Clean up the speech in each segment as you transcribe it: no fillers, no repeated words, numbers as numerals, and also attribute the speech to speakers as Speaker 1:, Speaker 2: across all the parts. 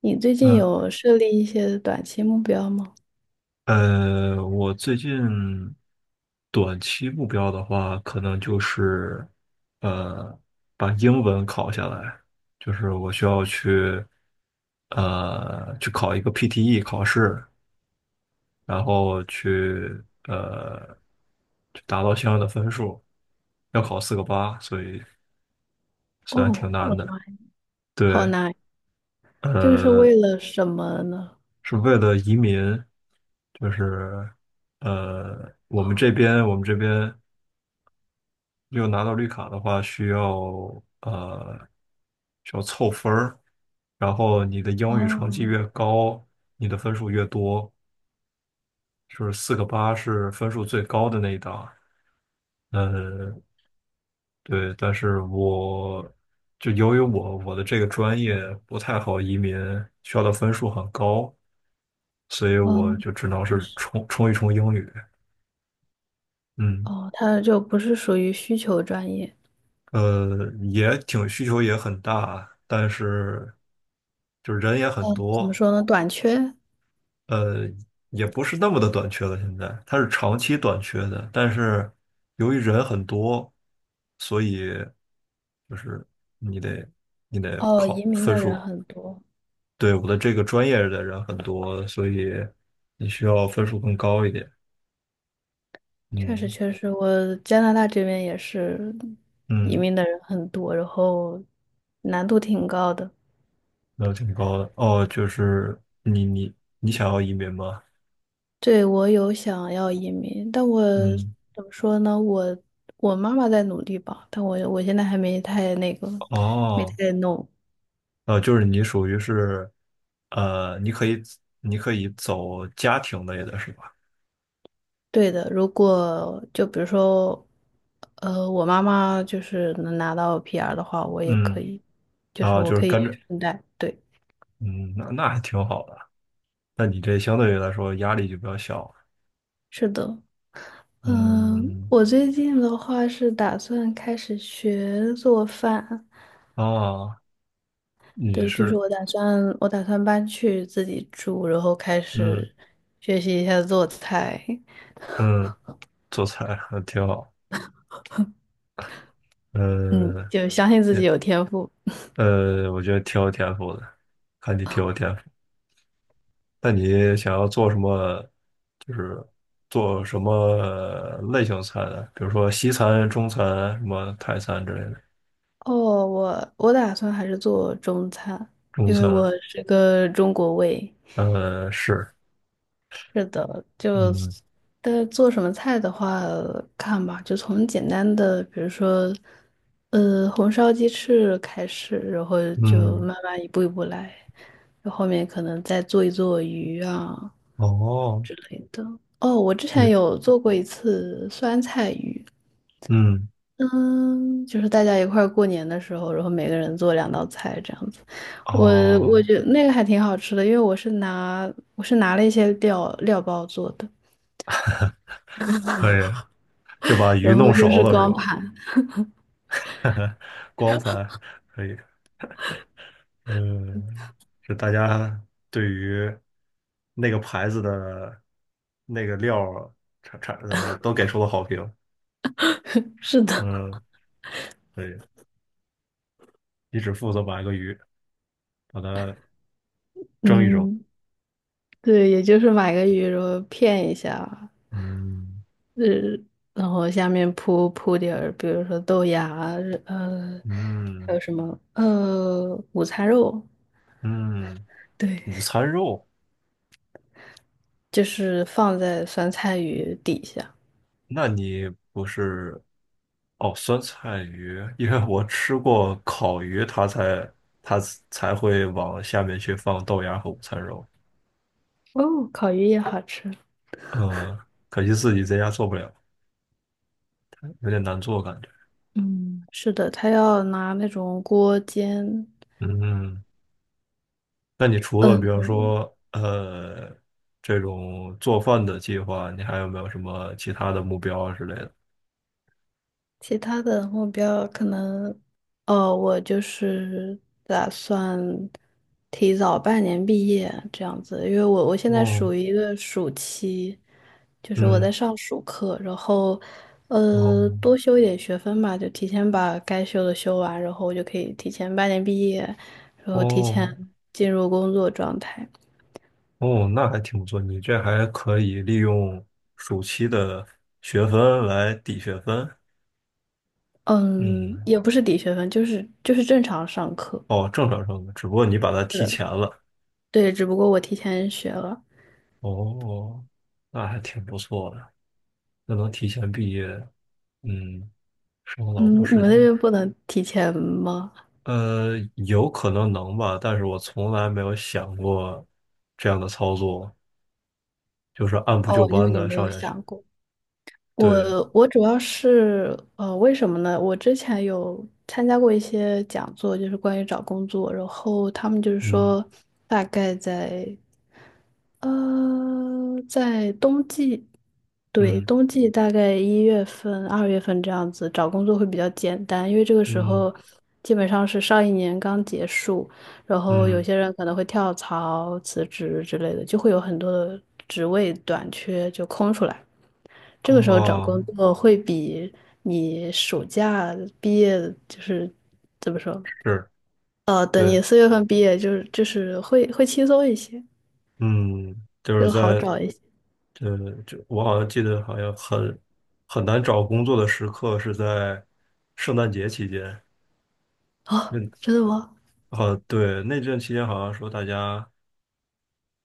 Speaker 1: 你最近
Speaker 2: 那
Speaker 1: 有设立一些短期目标吗？
Speaker 2: 我最近短期目标的话，可能就是呃，把英文考下来，就是我需要去考一个 PTE 考试，然后去呃达到相应的分数，要考四个八，所以虽然挺
Speaker 1: 哦，
Speaker 2: 难
Speaker 1: 我的
Speaker 2: 的。
Speaker 1: 妈呀！好
Speaker 2: 对，
Speaker 1: 难，这个是
Speaker 2: 呃，
Speaker 1: 为了什么呢？
Speaker 2: 是为了移民，就是。我们这边有拿到绿卡的话，需要呃凑分儿，然后你的英语成绩越
Speaker 1: 哦，
Speaker 2: 高，你的分数越多，就是四个八是分数最高的那一档。呃，对，但是我就由于我的这个专业不太好移民，需要的分数很高，所以我
Speaker 1: 哦，
Speaker 2: 就只能
Speaker 1: 就
Speaker 2: 是
Speaker 1: 是，
Speaker 2: 冲一冲英语。嗯，
Speaker 1: 哦，它就不是属于需求专业。
Speaker 2: 也挺需求也很大，但是就是人也很
Speaker 1: 嗯，怎么
Speaker 2: 多。
Speaker 1: 说呢？短缺。
Speaker 2: 呃，也不是那么的短缺了。现在它是长期短缺的，但是由于人很多，所以就是你得你得
Speaker 1: 哦，移
Speaker 2: 考
Speaker 1: 民
Speaker 2: 分
Speaker 1: 的人
Speaker 2: 数。
Speaker 1: 很多，
Speaker 2: 对，我的这个专业的人很多，所以你需要分数更高一点。
Speaker 1: 确
Speaker 2: 嗯
Speaker 1: 实确实，我加拿大这边也是移
Speaker 2: 嗯，
Speaker 1: 民的人很多，然后难度挺高的。
Speaker 2: 那挺高的。哦，就是你想要移民吗？
Speaker 1: 对，我有想要移民，但我
Speaker 2: 嗯，
Speaker 1: 怎么说呢？我妈妈在努力吧，但我现在还没太那个，没
Speaker 2: 哦，
Speaker 1: 太弄。
Speaker 2: 就是你属于是，呃，你可以你可以走家庭类的是吧？
Speaker 1: 对的，如果就比如说，我妈妈就是能拿到 PR 的话，我也可
Speaker 2: 嗯。
Speaker 1: 以，就是
Speaker 2: 啊，
Speaker 1: 我
Speaker 2: 就是
Speaker 1: 可
Speaker 2: 跟
Speaker 1: 以
Speaker 2: 着，
Speaker 1: 顺带。对，
Speaker 2: 嗯，那还挺好的。那你这相对于来说压力就比较小，
Speaker 1: 是的，嗯、
Speaker 2: 嗯，
Speaker 1: 我最近的话是打算开始学做饭。
Speaker 2: 啊，你
Speaker 1: 对，就是
Speaker 2: 是，
Speaker 1: 我打算，我打算搬去自己住，然后开
Speaker 2: 嗯
Speaker 1: 始学习一下做菜。
Speaker 2: 嗯，做菜还挺好，
Speaker 1: 嗯，
Speaker 2: 嗯，
Speaker 1: 就相信自己
Speaker 2: 也
Speaker 1: 有天赋。
Speaker 2: 我觉得挺有天赋的，看你挺有天赋。那你想要做什么？就是做什么类型菜的？比如说西餐、中餐、什么泰餐之类的。
Speaker 1: 哦，我打算还是做中餐，
Speaker 2: 中
Speaker 1: 因为
Speaker 2: 餐，
Speaker 1: 我是个中国胃。
Speaker 2: 是，
Speaker 1: 是的，就
Speaker 2: 嗯
Speaker 1: 但做什么菜的话，看吧，就从简单的，比如说，红烧鸡翅开始，然后就
Speaker 2: 嗯，
Speaker 1: 慢慢一步一步来，然后后面可能再做一做鱼啊
Speaker 2: 哦，
Speaker 1: 之类的。哦，我之前
Speaker 2: 也，
Speaker 1: 有做过一次酸菜鱼，
Speaker 2: 嗯。
Speaker 1: 嗯，就是大家一块儿过年的时候，然后每个人做2道菜这样子。我我
Speaker 2: 哦，
Speaker 1: 觉得那个还挺好吃的，因为我是拿了一些料包做的。
Speaker 2: 可以，就把鱼
Speaker 1: 然后
Speaker 2: 弄
Speaker 1: 又
Speaker 2: 熟
Speaker 1: 是
Speaker 2: 了是
Speaker 1: 光
Speaker 2: 吧？
Speaker 1: 盘。
Speaker 2: 光盘可以，嗯，就大家对于那个牌子的那个料儿产产呃都给出了好评，
Speaker 1: 是的，
Speaker 2: 嗯，可以，你只负责把一个鱼把它蒸一蒸，
Speaker 1: 嗯，对，也就是买个鱼，肉片一下，
Speaker 2: 嗯
Speaker 1: 呃，然后下面铺铺点儿，比如说豆芽啊，呃，还
Speaker 2: 嗯
Speaker 1: 有什么，午餐肉，
Speaker 2: 嗯，
Speaker 1: 对，
Speaker 2: 午餐肉。
Speaker 1: 就是放在酸菜鱼底下。
Speaker 2: 那你不是哦，酸菜鱼，因为我吃过烤鱼，它才会往下面去放豆芽和午餐肉。
Speaker 1: 哦，烤鱼也好吃。
Speaker 2: 嗯，可惜自己在家做不了，有点难做感觉。
Speaker 1: 嗯，是的，他要拿那种锅煎。
Speaker 2: 嗯，那你除了比
Speaker 1: 嗯。
Speaker 2: 方说这种做饭的计划，你还有没有什么其他的目标啊之类的？
Speaker 1: 其他的目标可能，哦，我就是打算提早半年毕业这样子，因为我现在
Speaker 2: 哦，
Speaker 1: 属于一个暑期，就是我在
Speaker 2: 嗯，
Speaker 1: 上暑课，然后
Speaker 2: 哦，
Speaker 1: 多修一点学分吧，就提前把该修的修完，然后我就可以提前半年毕业，然后提前
Speaker 2: 哦，
Speaker 1: 进入工作状态。
Speaker 2: 哦，那还挺不错，你这还可以利用暑期的学分来抵学分。
Speaker 1: 嗯，
Speaker 2: 嗯，
Speaker 1: 也不是抵学分，就是正常上课。
Speaker 2: 哦，正常上的，只不过你把它
Speaker 1: 是
Speaker 2: 提
Speaker 1: 的，
Speaker 2: 前了。
Speaker 1: 对，只不过我提前学了。
Speaker 2: 哦，那还挺不错的，那能提前毕业，嗯，省了老
Speaker 1: 嗯，
Speaker 2: 多
Speaker 1: 你
Speaker 2: 时
Speaker 1: 们那
Speaker 2: 间。
Speaker 1: 边不能提前吗？
Speaker 2: 有可能能吧，但是我从来没有想过这样的操作，就是按部就
Speaker 1: 哦，因为
Speaker 2: 班
Speaker 1: 你
Speaker 2: 的
Speaker 1: 没有
Speaker 2: 上下去。
Speaker 1: 想过。
Speaker 2: 对，
Speaker 1: 我主要是为什么呢？我之前有参加过一些讲座，就是关于找工作，然后他们就是
Speaker 2: 嗯
Speaker 1: 说，大概在冬季，对，
Speaker 2: 嗯
Speaker 1: 冬季大概1月份、2月份这样子找工作会比较简单，因为这个时
Speaker 2: 嗯
Speaker 1: 候基本上是上一年刚结束，然后有
Speaker 2: 嗯，
Speaker 1: 些人可能会跳槽、辞职之类的，就会有很多的职位短缺就空出来。这个时候找
Speaker 2: 哦，
Speaker 1: 工作会比你暑假毕业就是怎么说？
Speaker 2: 是。
Speaker 1: 等
Speaker 2: 对。
Speaker 1: 你4月份毕业，就是会轻松一些，
Speaker 2: 嗯，就是
Speaker 1: 就好
Speaker 2: 在
Speaker 1: 找一些。
Speaker 2: 就我好像记得，好像很难找工作的时刻是在圣诞节期间。
Speaker 1: 哦，
Speaker 2: 嗯，
Speaker 1: 真的吗？
Speaker 2: 好，对，那阵期间好像说大家，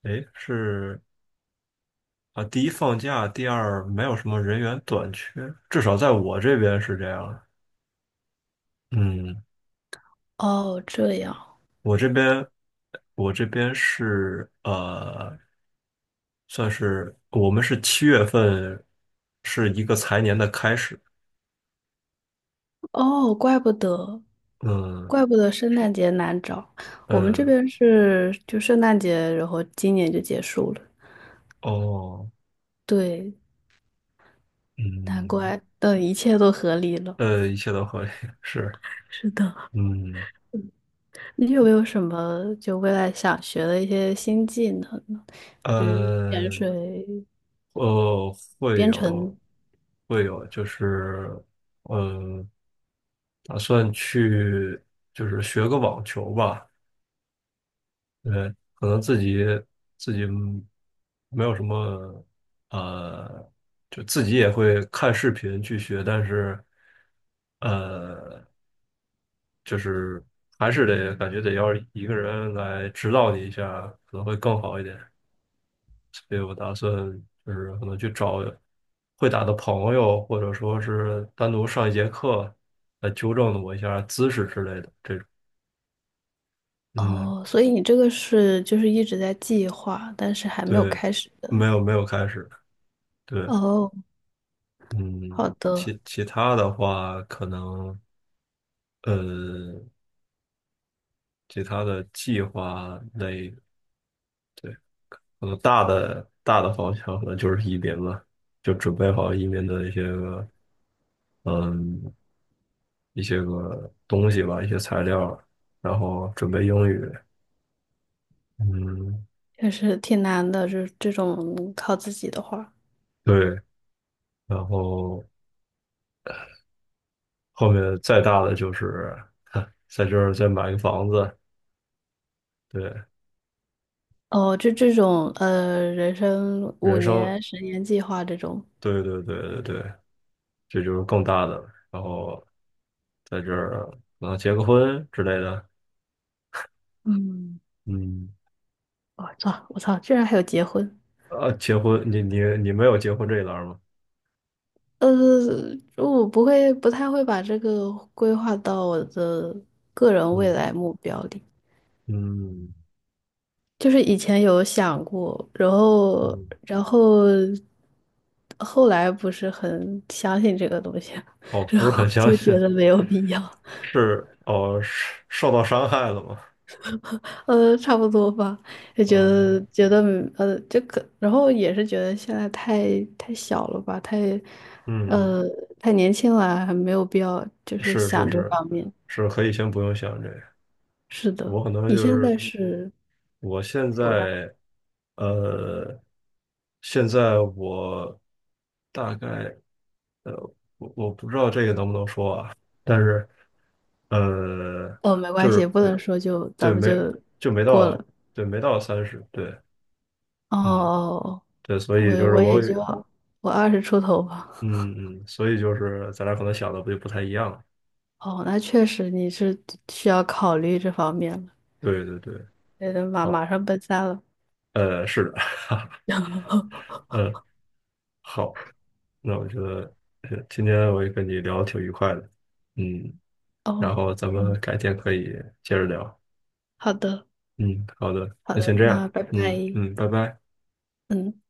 Speaker 2: 哎，是啊，第一放假，第二没有什么人员短缺，至少在我这边是这样的。嗯，
Speaker 1: 哦，这样，
Speaker 2: 我这边我这边是算是我们是七月份是一个财年的开始。
Speaker 1: 哦，怪不得，
Speaker 2: 嗯。
Speaker 1: 怪不得圣诞节难找。我们这
Speaker 2: 呃。
Speaker 1: 边是就圣诞节，然后今年就结束了。
Speaker 2: 哦，
Speaker 1: 对，难
Speaker 2: 嗯，
Speaker 1: 怪，等一切都合理了。
Speaker 2: 一切都合理，是，
Speaker 1: 是的，
Speaker 2: 嗯，
Speaker 1: 你有没有什么就未来想学的一些新技能呢？比如潜
Speaker 2: 呃，
Speaker 1: 水、
Speaker 2: 呃，会
Speaker 1: 编
Speaker 2: 有，
Speaker 1: 程。
Speaker 2: 会有，就是，呃，打算去，就是学个网球吧，对，可能自己没有什么，呃，就自己也会看视频去学，但是，呃。就是还是得感觉得要一个人来指导你一下，可能会更好一点。所以我打算就是可能去找会打的朋友，或者说是单独上一节课来纠正我一下姿势之类的这种。嗯，
Speaker 1: 哦，所以你这个是就是一直在计划，但是还没有
Speaker 2: 对，
Speaker 1: 开始
Speaker 2: 没
Speaker 1: 的。
Speaker 2: 有没有开始。对，
Speaker 1: 哦，
Speaker 2: 嗯，
Speaker 1: 好的，
Speaker 2: 其他的话可能呃其他的计划类。对。可能大的方向可能就是移民了，就准备好移民的嗯一些个东西吧，一些材料，然后准备英语，嗯，
Speaker 1: 确实挺难的，就是这种靠自己的话。
Speaker 2: 对，然后后面再大的就是 在这儿再买个房子，对，
Speaker 1: 哦，就这种人生五
Speaker 2: 人生，
Speaker 1: 年、10年计划这种。
Speaker 2: 对对对对对，这就是更大的了然后在这儿可能结个婚之类的，
Speaker 1: 嗯，
Speaker 2: 嗯，
Speaker 1: 我操，我操，居然还有结婚。
Speaker 2: 啊，结婚，你没有结婚这一栏儿吗？
Speaker 1: 呃，我不会，不太会把这个规划到我的个人未
Speaker 2: 嗯
Speaker 1: 来目标里。
Speaker 2: 嗯。
Speaker 1: 就是以前有想过，然后，
Speaker 2: 嗯，
Speaker 1: 然后后来不是很相信这个东西，
Speaker 2: 哦，
Speaker 1: 然
Speaker 2: 不是
Speaker 1: 后
Speaker 2: 很相
Speaker 1: 就觉
Speaker 2: 信，
Speaker 1: 得没有必要。
Speaker 2: 是哦，是受到伤害了吗？
Speaker 1: 差不多吧，就觉得
Speaker 2: 啊、
Speaker 1: 觉得这个，然后也是觉得现在太小了吧，
Speaker 2: 嗯，
Speaker 1: 呃太年轻了，还没有必要就是
Speaker 2: 是是
Speaker 1: 想这
Speaker 2: 是，
Speaker 1: 方面。
Speaker 2: 是可以先不用想这个。
Speaker 1: 是的，
Speaker 2: 我可能
Speaker 1: 你
Speaker 2: 就
Speaker 1: 现在
Speaker 2: 是
Speaker 1: 是
Speaker 2: 我现
Speaker 1: 多大？
Speaker 2: 在，呃，现在我大概呃，我不知道这个能不能说啊，但是呃，
Speaker 1: 哦，没
Speaker 2: 就
Speaker 1: 关系，
Speaker 2: 是
Speaker 1: 不
Speaker 2: 没
Speaker 1: 能说就咱
Speaker 2: 对
Speaker 1: 们就
Speaker 2: 没就没
Speaker 1: 过
Speaker 2: 到
Speaker 1: 了。
Speaker 2: 对没到三十对。嗯，
Speaker 1: 哦，
Speaker 2: 对，所以就
Speaker 1: 我
Speaker 2: 是
Speaker 1: 我
Speaker 2: 我
Speaker 1: 也就我二十出头吧。
Speaker 2: 嗯嗯，所以就是咱俩可能想的不就不太一样了。
Speaker 1: 哦，那确实你是需要考虑这方面了，
Speaker 2: 对对对，
Speaker 1: 得马
Speaker 2: 好，
Speaker 1: 马上奔三了。
Speaker 2: 是的，呃，好，那我觉得今天我也跟你聊得挺愉快的，嗯，然
Speaker 1: 哦，
Speaker 2: 后咱们
Speaker 1: 嗯，
Speaker 2: 改天可以接着聊，
Speaker 1: 好的。
Speaker 2: 嗯，好的，
Speaker 1: 好
Speaker 2: 那
Speaker 1: 的，
Speaker 2: 先这样，
Speaker 1: 那拜
Speaker 2: 嗯
Speaker 1: 拜。
Speaker 2: 嗯，拜拜。
Speaker 1: 嗯。